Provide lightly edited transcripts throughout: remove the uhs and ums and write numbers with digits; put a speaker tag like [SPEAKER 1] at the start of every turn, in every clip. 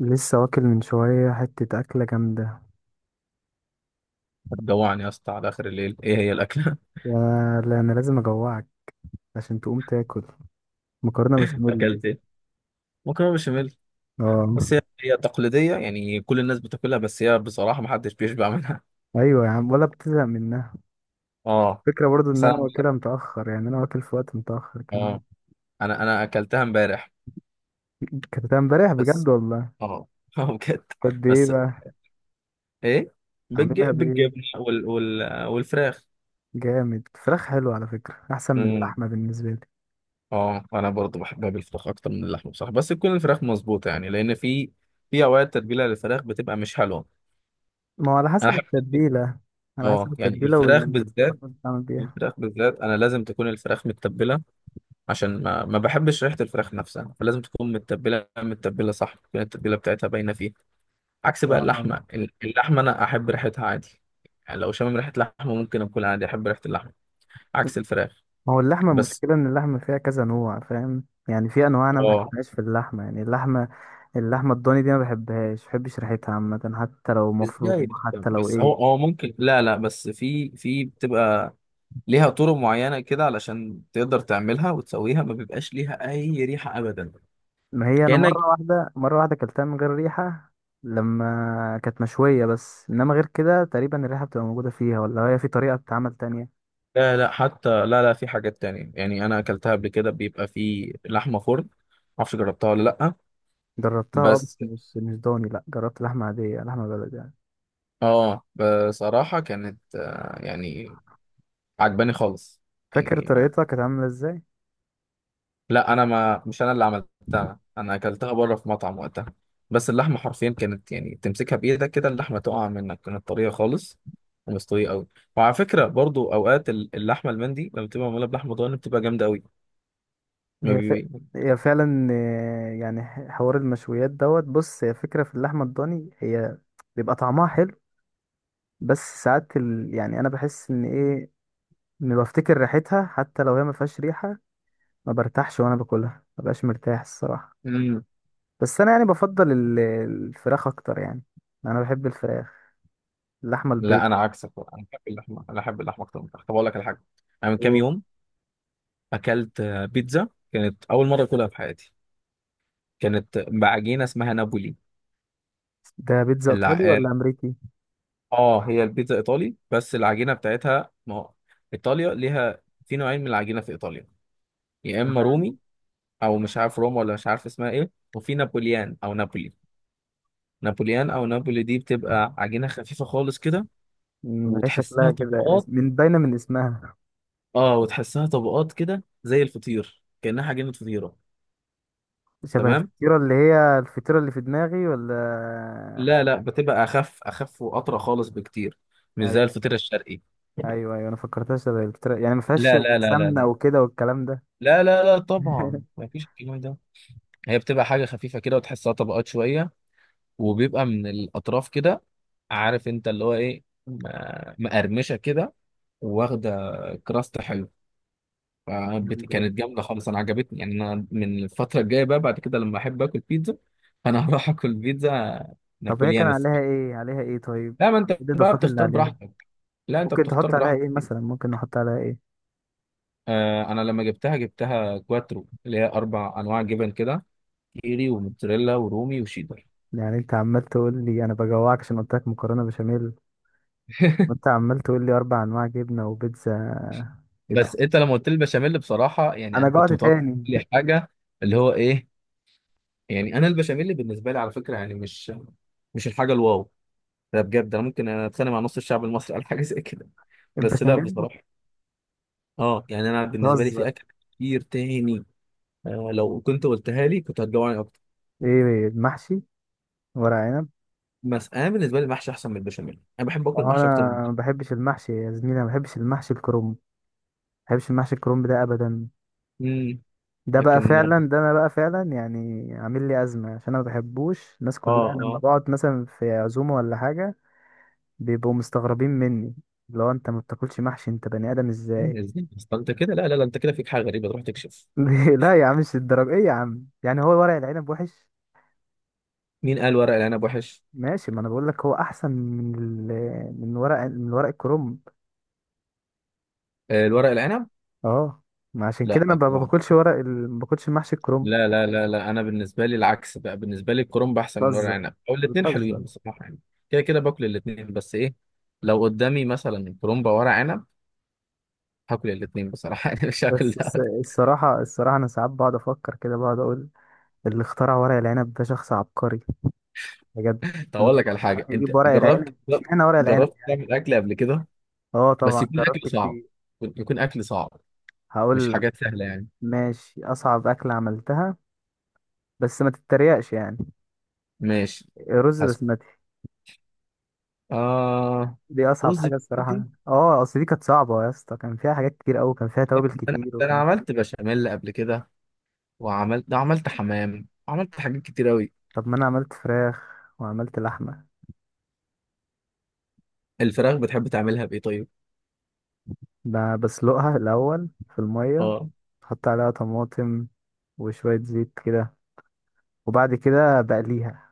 [SPEAKER 1] لسه واكل من شوية حتة أكلة جامدة.
[SPEAKER 2] هتجوعني يا اسطى على اخر الليل، ايه هي الاكله؟
[SPEAKER 1] يا لا، أنا لازم أجوعك عشان تقوم تاكل. مكرونة بشاميل
[SPEAKER 2] اكلت
[SPEAKER 1] لازم.
[SPEAKER 2] ايه؟ مكرونه بشاميل.
[SPEAKER 1] اه.
[SPEAKER 2] بس هي تقليديه، يعني كل الناس بتاكلها، بس هي بصراحه ما حدش بيشبع منها.
[SPEAKER 1] أيوة يا عم، ولا بتزهق منها.
[SPEAKER 2] اه.
[SPEAKER 1] فكرة برضو إن
[SPEAKER 2] بس
[SPEAKER 1] أنا
[SPEAKER 2] انا مش
[SPEAKER 1] واكلها متأخر، يعني أنا واكل في وقت متأخر كمان.
[SPEAKER 2] اه انا اكلتها امبارح.
[SPEAKER 1] كانت امبارح بجد
[SPEAKER 2] بس.
[SPEAKER 1] والله.
[SPEAKER 2] اه اه بجد.
[SPEAKER 1] قد إيه
[SPEAKER 2] بس،
[SPEAKER 1] بقى؟
[SPEAKER 2] ايه.
[SPEAKER 1] عاملها بإيه؟
[SPEAKER 2] بالجبن والفراخ.
[SPEAKER 1] جامد. فراخ حلو على فكرة، أحسن من
[SPEAKER 2] امم.
[SPEAKER 1] اللحمة بالنسبة لي.
[SPEAKER 2] اه، انا برضو بحبها بالفراخ اكتر من اللحمه بصراحه، بس تكون الفراخ مظبوطه، يعني لان في اوقات تتبيله للفراخ بتبقى مش حلوه.
[SPEAKER 1] ما هو على
[SPEAKER 2] انا
[SPEAKER 1] حسب
[SPEAKER 2] احب.
[SPEAKER 1] التتبيلة. على حسب
[SPEAKER 2] اه، يعني
[SPEAKER 1] التتبيلة
[SPEAKER 2] الفراخ بالذات،
[SPEAKER 1] والبصل بتعمل بيها.
[SPEAKER 2] انا لازم تكون الفراخ متبله، عشان ما بحبش ريحه الفراخ نفسها، فلازم تكون متبله متبله، صح، تكون التتبيله بتاعتها باينه فيها. عكس بقى
[SPEAKER 1] آه.
[SPEAKER 2] اللحمه، اللحمه انا احب ريحتها عادي. يعني لو شامم ريحه لحمه ممكن اكل عادي، احب ريحه اللحمه عكس الفراخ.
[SPEAKER 1] ما هو اللحمة
[SPEAKER 2] بس.
[SPEAKER 1] المشكلة إن اللحمة فيها كذا نوع، فاهم؟ يعني في أنواع أنا ما
[SPEAKER 2] اه
[SPEAKER 1] بحبهاش في اللحمة، يعني اللحمة الضاني دي ما بحبهاش، ما بحبش ريحتها عامة، حتى لو مفرومة،
[SPEAKER 2] ازاي؟
[SPEAKER 1] حتى لو
[SPEAKER 2] بس هو
[SPEAKER 1] إيه.
[SPEAKER 2] هو ممكن، لا لا، بس في في بتبقى ليها طرق معينه كده علشان تقدر تعملها وتسويها، ما بيبقاش ليها اي ريحه ابدا.
[SPEAKER 1] ما هي أنا
[SPEAKER 2] كانك.
[SPEAKER 1] مرة واحدة أكلتها من غير ريحة، لما كانت مشوية. بس إنما غير كده تقريبا الريحة بتبقى موجودة فيها، ولا هي في طريقة بتتعمل تانية؟
[SPEAKER 2] لا لا، حتى لا لا، في حاجات تانية، يعني انا اكلتها قبل كده، بيبقى في لحمه فرن. معرفش جربتها ولا لا؟
[SPEAKER 1] جربتها أه، بس
[SPEAKER 2] بس.
[SPEAKER 1] مش ضاني، لأ. جربت لحمة عادية، لحمة بلدي يعني.
[SPEAKER 2] اه، بصراحه كانت، يعني عجباني خالص.
[SPEAKER 1] فاكر
[SPEAKER 2] يعني،
[SPEAKER 1] طريقتها كانت عاملة إزاي؟
[SPEAKER 2] لا انا ما مش انا اللي عملتها، انا اكلتها بره في مطعم وقتها. بس اللحمه حرفيا كانت، يعني تمسكها بايدك كده اللحمه تقع منك، كانت طريه خالص ومستويه قوي. وعلى فكره، برضو اوقات اللحمه المندي لما بتبقى معموله بلحمه ضاني بتبقى جامده
[SPEAKER 1] هي ف... هي فعلا آه، يعني حوار المشويات دوت. بص، هي فكرة في اللحمة الضاني، هي بيبقى طعمها حلو. بس ساعات يعني انا بحس ان ايه، اني بفتكر ريحتها حتى لو هي ما فيهاش ريحة. ما برتاحش وانا باكلها، ما بقاش مرتاح الصراحة.
[SPEAKER 2] قوي.
[SPEAKER 1] بس انا يعني بفضل الفراخ اكتر يعني. انا بحب الفراخ. اللحمة البيض.
[SPEAKER 2] لا انا عكسك بقى. انا بحب اللحمه اكتر من الفراخ. طب اقول لك على حاجه. انا من كام يوم اكلت، بيتزا كانت اول مره اكلها في حياتي، كانت بعجينه اسمها نابولي.
[SPEAKER 1] ده بيتزا
[SPEAKER 2] الع...
[SPEAKER 1] ايطالي
[SPEAKER 2] اه
[SPEAKER 1] ولا امريكي؟
[SPEAKER 2] هي البيتزا ايطالي، بس العجينه بتاعتها، ما هو ايطاليا ليها في نوعين من العجينه في ايطاليا. يا اما
[SPEAKER 1] تمام.
[SPEAKER 2] رومي، او مش عارف روما، ولا مش عارف اسمها ايه، وفي نابوليان او نابولي. نابوليان او نابولي دي بتبقى عجينه خفيفه خالص كده،
[SPEAKER 1] مم، هي
[SPEAKER 2] وتحسها
[SPEAKER 1] شكلها كده
[SPEAKER 2] طبقات.
[SPEAKER 1] من باينة من اسمها.
[SPEAKER 2] اه، وتحسها طبقات كده زي الفطير كانها عجينه فطيره.
[SPEAKER 1] شبه
[SPEAKER 2] تمام.
[SPEAKER 1] الفطيرة اللي هي الفطيرة اللي في دماغي، ولا؟
[SPEAKER 2] لا لا، بتبقى اخف اخف واطرى خالص بكتير، مش زي
[SPEAKER 1] ايوه.
[SPEAKER 2] الفطير الشرقي.
[SPEAKER 1] ايوه ايوه، انا فكرتها شبه الفطيرة، يعني ما فيهاش
[SPEAKER 2] لا، لا، لا، لا،
[SPEAKER 1] سمنة
[SPEAKER 2] لا.
[SPEAKER 1] وكده والكلام ده.
[SPEAKER 2] لا لا لا، طبعا ما فيش الكلام ده. هي بتبقى حاجة خفيفة كده، وتحسها طبقات شوية، وبيبقى من الأطراف كده. عارف انت اللي هو ايه، مقرمشة كده، واخدة كراست حلو.
[SPEAKER 1] جامدة دي.
[SPEAKER 2] كانت جامدة خالص، أنا عجبتني، يعني أنا من الفترة الجاية بقى بعد كده لما أحب آكل بيتزا أنا هروح آكل بيتزا
[SPEAKER 1] طب هي كان
[SPEAKER 2] نابوليان.
[SPEAKER 1] عليها ايه طيب؟
[SPEAKER 2] لا، ما أنت
[SPEAKER 1] ايه
[SPEAKER 2] بقى
[SPEAKER 1] الاضافات اللي
[SPEAKER 2] بتختار
[SPEAKER 1] عليها؟
[SPEAKER 2] براحتك. لا، انت
[SPEAKER 1] ممكن
[SPEAKER 2] بتختار
[SPEAKER 1] تحط عليها ايه
[SPEAKER 2] براحتك.
[SPEAKER 1] مثلا، ممكن نحط عليها ايه؟
[SPEAKER 2] آه، انا لما جبتها كواترو اللي هي اربع انواع جبن كده، كيري وموتزاريلا ورومي وشيدر.
[SPEAKER 1] يعني انت عمال تقول لي انا بجوعك عشان قلت لك مكرونة بشاميل، وانت عمال تقول لي اربع انواع جبنة وبيتزا. ايه طب.
[SPEAKER 2] بس انت لما قلت لي البشاميل بصراحه، يعني
[SPEAKER 1] انا
[SPEAKER 2] انا
[SPEAKER 1] جوعت
[SPEAKER 2] كنت متوقع
[SPEAKER 1] تاني.
[SPEAKER 2] لي حاجه، اللي هو ايه، يعني انا البشاميل بالنسبه لي، على فكره، يعني مش مش الحاجه الواو. ده بجد، انا ممكن اتخانق مع نص الشعب المصري على حاجه زي كده. بس لا
[SPEAKER 1] البشاميل.
[SPEAKER 2] بصراحه، اه، يعني انا بالنسبه لي
[SPEAKER 1] بتهزر.
[SPEAKER 2] في اكل كتير تاني. لو كنت قلتها لي كنت هتجوعني اكتر.
[SPEAKER 1] ايه المحشي؟ ورق عنب.
[SPEAKER 2] بس انا بالنسبه لي المحشي احسن من البشاميل، انا بحب اكل
[SPEAKER 1] انا
[SPEAKER 2] المحشي اكتر.
[SPEAKER 1] ما بحبش المحشي يا زميلي، أنا ما بحبش المحشي الكرنب ده ابدا.
[SPEAKER 2] امم.
[SPEAKER 1] ده بقى
[SPEAKER 2] لكن.
[SPEAKER 1] فعلا، ده انا بقى فعلا يعني عامل لي ازمه، عشان انا ما بحبوش الناس
[SPEAKER 2] اه،
[SPEAKER 1] كلها لما
[SPEAKER 2] اه.
[SPEAKER 1] بقعد مثلا في عزومه ولا حاجه. بيبقوا مستغربين مني. لو انت ما بتاكلش محشي انت بني ادم
[SPEAKER 2] مم،
[SPEAKER 1] ازاي؟
[SPEAKER 2] ازاي اصلا انت كده؟ لا لا لا، انت كده فيك حاجه غريبه، تروح تكشف.
[SPEAKER 1] لا يا عم، مش الدرجه. ايه يا عم، يعني هو ورق العنب وحش؟
[SPEAKER 2] مين قال ورق العنب وحش؟
[SPEAKER 1] ماشي، ما انا بقول لك هو احسن من من ورق الكرنب
[SPEAKER 2] آه، الورق العنب.
[SPEAKER 1] اه، ما عشان كده انا
[SPEAKER 2] لا
[SPEAKER 1] ما
[SPEAKER 2] طبعا.
[SPEAKER 1] باكلش ما باكلش محشي الكرنب.
[SPEAKER 2] لا لا لا لا، انا بالنسبه لي العكس بقى، بالنسبه لي الكرنب احسن من ورق
[SPEAKER 1] بتهزر.
[SPEAKER 2] العنب، او
[SPEAKER 1] أنت
[SPEAKER 2] الاثنين حلوين
[SPEAKER 1] بتهزر.
[SPEAKER 2] بصراحه يعني. كده كده باكل الاثنين، بس ايه، لو قدامي مثلا كرنب او ورق عنب هاكل الاثنين بصراحه، يعني مش هاكل
[SPEAKER 1] بس
[SPEAKER 2] ده.
[SPEAKER 1] الصراحة أنا ساعات بقعد أفكر كده، بقعد أقول اللي اخترع ورق العنب ده شخص عبقري، بجد.
[SPEAKER 2] طب
[SPEAKER 1] إن
[SPEAKER 2] اقول
[SPEAKER 1] هو
[SPEAKER 2] لك على حاجه،
[SPEAKER 1] يعني
[SPEAKER 2] انت
[SPEAKER 1] يجيب ورق
[SPEAKER 2] جربت
[SPEAKER 1] العنب، اشمعنى ورق العنب؟
[SPEAKER 2] جربت تعمل اكل قبل كده؟
[SPEAKER 1] أه
[SPEAKER 2] بس
[SPEAKER 1] طبعا،
[SPEAKER 2] يكون اكل
[SPEAKER 1] جربت
[SPEAKER 2] صعب،
[SPEAKER 1] كتير.
[SPEAKER 2] يكون اكل صعب،
[SPEAKER 1] هقول
[SPEAKER 2] مش
[SPEAKER 1] لك،
[SPEAKER 2] حاجات سهله يعني.
[SPEAKER 1] ماشي. أصعب أكلة عملتها، بس ما تتريقش يعني.
[SPEAKER 2] ماشي.
[SPEAKER 1] رز بسمتي.
[SPEAKER 2] آه،
[SPEAKER 1] دي أصعب
[SPEAKER 2] رز
[SPEAKER 1] حاجة الصراحة،
[SPEAKER 2] بسمتي.
[SPEAKER 1] أه، أصل دي كانت صعبة يا اسطى، كان فيها حاجات كتير أوي، كان فيها توابل
[SPEAKER 2] انا
[SPEAKER 1] كتير
[SPEAKER 2] انا
[SPEAKER 1] وكان.
[SPEAKER 2] عملت بشاميل قبل كده، وعملت ده، عملت حمام، عملت حاجات كتير قوي.
[SPEAKER 1] طب ما أنا عملت فراخ وعملت لحمة.
[SPEAKER 2] الفراخ بتحب تعملها بايه طيب؟
[SPEAKER 1] بسلقها الأول في المية،
[SPEAKER 2] اه،
[SPEAKER 1] أحط عليها طماطم وشوية زيت كده، وبعد كده بقليها.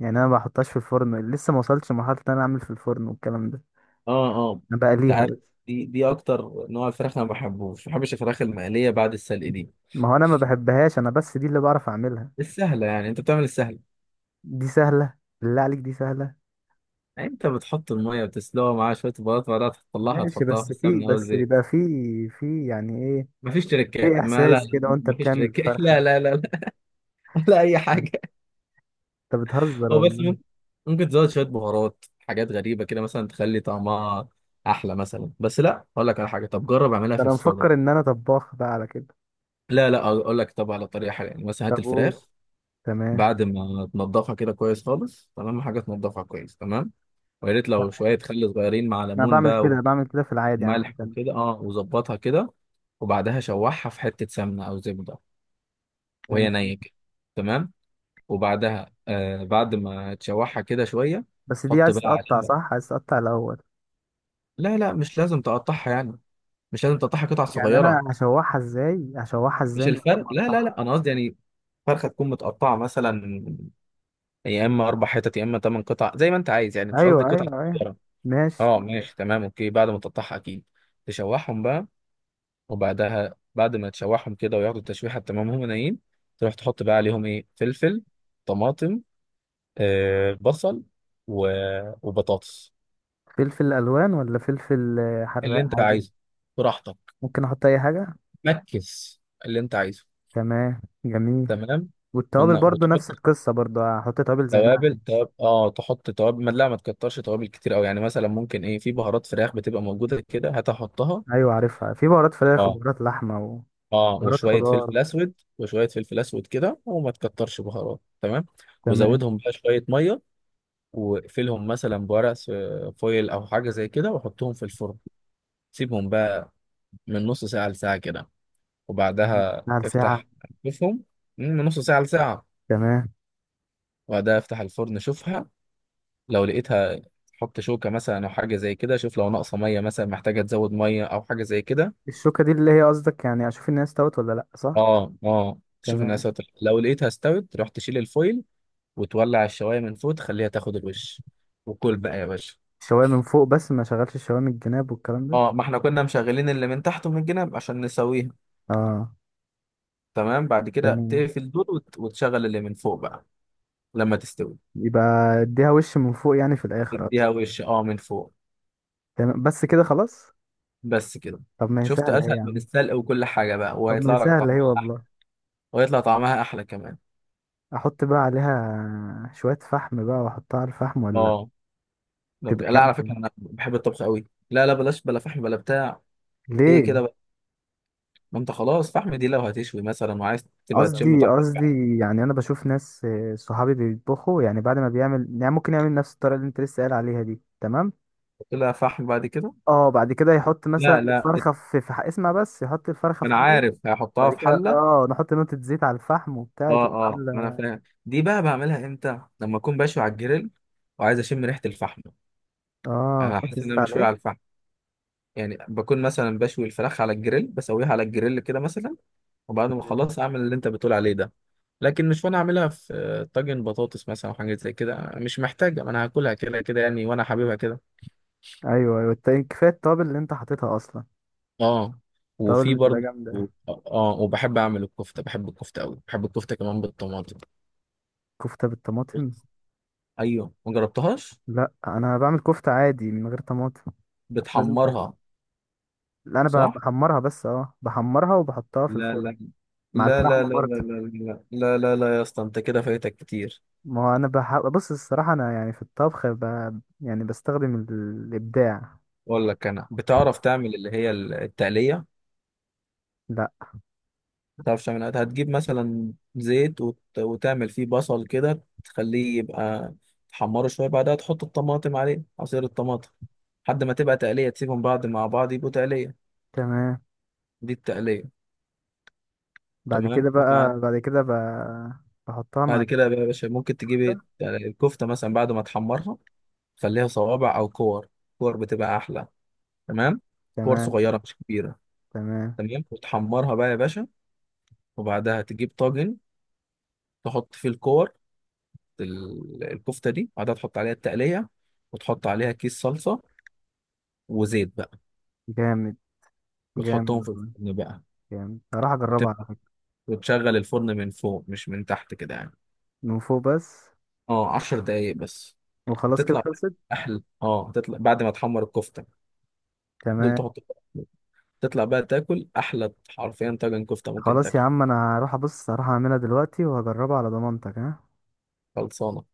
[SPEAKER 1] يعني انا ما بحطهاش في الفرن، لسه ما وصلتش لمرحله ان انا اعمل في الفرن والكلام ده.
[SPEAKER 2] اه، اه.
[SPEAKER 1] انا
[SPEAKER 2] انت
[SPEAKER 1] بقليها
[SPEAKER 2] عارف،
[SPEAKER 1] بس.
[SPEAKER 2] دي اكتر نوع الفراخ انا ما بحبش الفراخ المقليه بعد السلق دي.
[SPEAKER 1] ما هو انا ما بحبهاش، انا بس دي اللي بعرف اعملها.
[SPEAKER 2] السهله يعني، انت بتعمل السهل.
[SPEAKER 1] دي سهله؟ بالله عليك دي سهله.
[SPEAKER 2] يعني انت بتحط الميه وتسلقها معاها شويه بهارات، بعدها تطلعها
[SPEAKER 1] ماشي،
[SPEAKER 2] تحطها في
[SPEAKER 1] بس في
[SPEAKER 2] السمنه او
[SPEAKER 1] بس
[SPEAKER 2] الزيت.
[SPEAKER 1] بيبقى في في يعني ايه،
[SPEAKER 2] مفيش تريكات،
[SPEAKER 1] في
[SPEAKER 2] ما لا
[SPEAKER 1] احساس كده
[SPEAKER 2] لا،
[SPEAKER 1] وانت
[SPEAKER 2] مفيش
[SPEAKER 1] بتعمل
[SPEAKER 2] تريكات، لا
[SPEAKER 1] الفرخه.
[SPEAKER 2] لا لا لا، ولا اي حاجه.
[SPEAKER 1] انت بتهزر
[SPEAKER 2] هو بس
[SPEAKER 1] والله.
[SPEAKER 2] ممكن تزود شوية بهارات حاجات غريبة كده مثلا تخلي طعمها أحلى مثلا. بس لا، أقول لك على حاجة، طب جرب أعملها
[SPEAKER 1] ده
[SPEAKER 2] في
[SPEAKER 1] انا
[SPEAKER 2] الفرن.
[SPEAKER 1] مفكر ان انا طباخ بقى على كده.
[SPEAKER 2] لا لا، أقول لك، طب على طريقة حلوة، يعني مثلا
[SPEAKER 1] طب
[SPEAKER 2] هات
[SPEAKER 1] قول.
[SPEAKER 2] الفراخ
[SPEAKER 1] تمام.
[SPEAKER 2] بعد ما تنضفها كده كويس خالص، تمام حاجة، تنضفها كويس، تمام. ويا ريت لو شوية خل صغيرين مع
[SPEAKER 1] انا
[SPEAKER 2] ليمون
[SPEAKER 1] بعمل
[SPEAKER 2] بقى،
[SPEAKER 1] كده، بعمل كده في العادي عامه.
[SPEAKER 2] وملح وكده، وظبطها كده. وبعدها شوحها في حتة سمنة أو زبدة، وهي
[SPEAKER 1] تمام.
[SPEAKER 2] نية كده. تمام. وبعدها، بعد ما تشوحها كده شوية،
[SPEAKER 1] بس دي
[SPEAKER 2] حط
[SPEAKER 1] عايز
[SPEAKER 2] بقى
[SPEAKER 1] تقطع،
[SPEAKER 2] عليها.
[SPEAKER 1] صح؟ عايز تقطع الاول.
[SPEAKER 2] لا لا، مش لازم تقطعها يعني، مش لازم تقطعها قطع
[SPEAKER 1] يعني انا
[SPEAKER 2] صغيرة.
[SPEAKER 1] هشوحها ازاي، هشوحها ازاي
[SPEAKER 2] مش
[SPEAKER 1] من غير
[SPEAKER 2] الفرق،
[SPEAKER 1] ما
[SPEAKER 2] لا لا
[SPEAKER 1] اقطعها؟
[SPEAKER 2] لا، أنا قصدي يعني فرخة تكون متقطعة مثلا، يا إما أربع حتت يا إما تمن قطع زي ما أنت عايز، يعني مش قصدي
[SPEAKER 1] ايوه
[SPEAKER 2] قطع
[SPEAKER 1] ايوه ايوه.
[SPEAKER 2] صغيرة.
[SPEAKER 1] ماشي.
[SPEAKER 2] أه ماشي تمام أوكي، بعد ما تقطعها أكيد تشوحهم بقى. وبعدها بعد ما تشوحهم كده وياخدوا التشويحة، تمام هم نايم، تروح تحط بقى عليهم إيه، فلفل، طماطم، آه بصل، و... وبطاطس.
[SPEAKER 1] فلفل الوان ولا فلفل آه،
[SPEAKER 2] اللي
[SPEAKER 1] حراق
[SPEAKER 2] أنت
[SPEAKER 1] عادي؟
[SPEAKER 2] عايزه، براحتك،
[SPEAKER 1] ممكن احط اي حاجه.
[SPEAKER 2] مكس اللي أنت عايزه.
[SPEAKER 1] تمام جميل.
[SPEAKER 2] تمام.
[SPEAKER 1] والتوابل
[SPEAKER 2] قلنا
[SPEAKER 1] برضو
[SPEAKER 2] وتحط
[SPEAKER 1] نفس القصه، برضو هحط توابل زي ما انا
[SPEAKER 2] توابل،
[SPEAKER 1] عايز.
[SPEAKER 2] توابل، تحط توابل، ما لا ما تكترش توابل كتير قوي، يعني مثلا ممكن ايه، في بهارات فراخ بتبقى موجوده كده هتحطها.
[SPEAKER 1] ايوه عارفها، في بهارات فراخ
[SPEAKER 2] اه
[SPEAKER 1] وبهارات لحمه
[SPEAKER 2] اه،
[SPEAKER 1] وبهارات
[SPEAKER 2] وشويه
[SPEAKER 1] خضار.
[SPEAKER 2] فلفل اسود وشويه فلفل اسود كده، وما تكترش بهارات، تمام.
[SPEAKER 1] تمام.
[SPEAKER 2] وزودهم بقى شويه ميه، واقفلهم مثلا بورق فويل او حاجه زي كده، وحطهم في الفرن. سيبهم بقى من نص ساعه لساعه كده، وبعدها
[SPEAKER 1] على ساعه؟
[SPEAKER 2] افتح شوفهم، من نص ساعه لساعه.
[SPEAKER 1] تمام.
[SPEAKER 2] وبعدها افتح الفرن شوفها، لو لقيتها حط شوكة مثلا أو حاجة زي كده، شوف لو ناقصة مية مثلا محتاجة تزود مية أو حاجة زي كده.
[SPEAKER 1] الشوكه دي اللي هي قصدك، يعني اشوف الناس استوت ولا لا، صح؟
[SPEAKER 2] اه اه، شوف إنها
[SPEAKER 1] تمام.
[SPEAKER 2] ساتر، لو لقيتها استوت روح تشيل الفويل، وتولع الشواية من فوق تخليها تاخد الوش، وكل بقى يا باشا.
[SPEAKER 1] الشوايه من فوق بس، ما شغلش الشوايه من الجناب والكلام ده؟
[SPEAKER 2] اه، ما احنا كنا مشغلين اللي من تحت ومن الجنب عشان نسويها.
[SPEAKER 1] اه.
[SPEAKER 2] تمام، بعد كده
[SPEAKER 1] تمام.
[SPEAKER 2] تقفل دول وتشغل اللي من فوق بقى، لما تستوي.
[SPEAKER 1] يبقى اديها وش من فوق يعني في الاخر
[SPEAKER 2] تديها
[SPEAKER 1] اصلا.
[SPEAKER 2] وش، من فوق.
[SPEAKER 1] تمام بس كده خلاص؟
[SPEAKER 2] بس كده.
[SPEAKER 1] طب ما هي
[SPEAKER 2] شفت؟
[SPEAKER 1] سهله اهي
[SPEAKER 2] اسهل
[SPEAKER 1] يا
[SPEAKER 2] من
[SPEAKER 1] عم.
[SPEAKER 2] السلق وكل حاجة بقى،
[SPEAKER 1] طب ما هي
[SPEAKER 2] وهيطلع لك
[SPEAKER 1] سهله
[SPEAKER 2] طعمها
[SPEAKER 1] اهي
[SPEAKER 2] احلى،
[SPEAKER 1] والله.
[SPEAKER 2] وهيطلع طعمها احلى كمان.
[SPEAKER 1] احط بقى عليها شويه فحم بقى، واحطها على الفحم ولا؟
[SPEAKER 2] اه.
[SPEAKER 1] تبقى
[SPEAKER 2] لا على
[SPEAKER 1] جامده.
[SPEAKER 2] فكره انا بحب الطبخ قوي. لا لا، بلاش بلا فحم بلا بتاع. هي
[SPEAKER 1] ليه؟
[SPEAKER 2] كده بقى. ما انت خلاص، فحم دي لو هتشوي مثلا وعايز تبقى تشم
[SPEAKER 1] قصدي
[SPEAKER 2] طعم الفحم،
[SPEAKER 1] قصدي يعني انا بشوف ناس آه، صحابي بيطبخوا يعني، بعد ما بيعمل يعني ممكن يعمل نفس الطريقه اللي انت لسه قايل عليها دي، تمام؟
[SPEAKER 2] تحط لها فحم بعد كده.
[SPEAKER 1] اه بعد كده يحط مثلا
[SPEAKER 2] لا لا،
[SPEAKER 1] الفرخه اسمع بس، يحط الفرخه
[SPEAKER 2] ما
[SPEAKER 1] في
[SPEAKER 2] انا
[SPEAKER 1] حله.
[SPEAKER 2] عارف هحطها
[SPEAKER 1] بعد
[SPEAKER 2] في
[SPEAKER 1] كده
[SPEAKER 2] حله.
[SPEAKER 1] اه نحط نقطه زيت على الفحم وبتاع،
[SPEAKER 2] اه
[SPEAKER 1] تبقى
[SPEAKER 2] اه، ما انا
[SPEAKER 1] عامله.
[SPEAKER 2] فاهم دي، بقى بعملها امتى لما اكون بشوي على الجريل وعايز اشم ريحه الفحم.
[SPEAKER 1] اه
[SPEAKER 2] انا
[SPEAKER 1] تحط
[SPEAKER 2] حاسس ان
[SPEAKER 1] زيت
[SPEAKER 2] انا مشوي
[SPEAKER 1] عليه.
[SPEAKER 2] على الفحم، يعني بكون مثلا بشوي الفراخ على الجريل، بسويها على الجريل كده مثلا، وبعد ما اخلص اعمل اللي انت بتقول عليه ده. لكن مش وانا اعملها في، طاجن بطاطس مثلا او حاجه زي كده، مش محتاجه، ما انا هاكلها كده كده يعني، وانا حاببها كده.
[SPEAKER 1] ايوه ايوه، التاني كفايه التوابل اللي انت حاططها اصلا.
[SPEAKER 2] اه،
[SPEAKER 1] التوابل
[SPEAKER 2] وفي
[SPEAKER 1] بتبقى
[SPEAKER 2] برضه.
[SPEAKER 1] جامده.
[SPEAKER 2] اه، وبحب اعمل الكفته، بحب الكفته قوي، بحب الكفته كمان بالطماطم.
[SPEAKER 1] كفته بالطماطم؟
[SPEAKER 2] ايوه، ما جربتهاش.
[SPEAKER 1] لا انا بعمل كفته عادي من غير طماطم. لازم طماطم.
[SPEAKER 2] بتحمرها؟
[SPEAKER 1] لا انا
[SPEAKER 2] صح.
[SPEAKER 1] بحمرها بس، اه بحمرها وبحطها في
[SPEAKER 2] لا
[SPEAKER 1] الفرن.
[SPEAKER 2] لا
[SPEAKER 1] مع
[SPEAKER 2] لا
[SPEAKER 1] الفحم
[SPEAKER 2] لا لا لا
[SPEAKER 1] برضه؟
[SPEAKER 2] لا لا لا لا لا، يا اسطى انت كده فايتك كتير.
[SPEAKER 1] ما هو انا بص، الصراحه انا يعني في الطبخ يعني بستخدم الابداع.
[SPEAKER 2] اقول لك، انا بتعرف تعمل اللي هي التقليه؟
[SPEAKER 1] لا.
[SPEAKER 2] ما تعرفش تعملها، هتجيب مثلا زيت وتعمل فيه بصل كده تخليه يبقى، تحمره شويه، بعدها تحط الطماطم عليه عصير الطماطم، لحد ما تبقى تقليه، تسيبهم بعض مع بعض يبقوا تقليه.
[SPEAKER 1] تمام.
[SPEAKER 2] دي التقليه.
[SPEAKER 1] بعد
[SPEAKER 2] تمام.
[SPEAKER 1] كده
[SPEAKER 2] وبعد،
[SPEAKER 1] بقى، بعد كده بحطها
[SPEAKER 2] بعد
[SPEAKER 1] مع
[SPEAKER 2] كده بقى يا باشا ممكن تجيب
[SPEAKER 1] الكفته.
[SPEAKER 2] إيه؟ يعني الكفته مثلا بعد ما تحمرها، خليها صوابع او كور. كور بتبقى احلى. تمام. كور
[SPEAKER 1] تمام.
[SPEAKER 2] صغيره مش كبيره.
[SPEAKER 1] تمام.
[SPEAKER 2] تمام. وتحمرها بقى يا باشا، وبعدها تجيب طاجن، تحط فيه الكور، الكفته دي بعدها تحط عليها التقليه، وتحط عليها كيس صلصه، وزيت بقى،
[SPEAKER 1] جامد. جامد
[SPEAKER 2] وتحطهم في
[SPEAKER 1] والله،
[SPEAKER 2] الفرن بقى.
[SPEAKER 1] جامد. هروح اجربها
[SPEAKER 2] وتب...
[SPEAKER 1] على فكره.
[SPEAKER 2] وتشغل الفرن من فوق مش من تحت كده يعني،
[SPEAKER 1] من فوق بس.
[SPEAKER 2] اه 10 دقايق بس.
[SPEAKER 1] وخلاص كده
[SPEAKER 2] هتطلع
[SPEAKER 1] خلصت؟
[SPEAKER 2] احلى. اه هتطلع بعد ما تحمر الكفته، دول
[SPEAKER 1] تمام.
[SPEAKER 2] تحط. تطلع بقى تاكل احلى، حرفيا طاجن كفته ممكن
[SPEAKER 1] خلاص يا
[SPEAKER 2] تاكله.
[SPEAKER 1] عم، انا هروح ابص، هروح اعملها دلوقتي وهجربها على ضمانتك، ها.
[SPEAKER 2] خلصانه.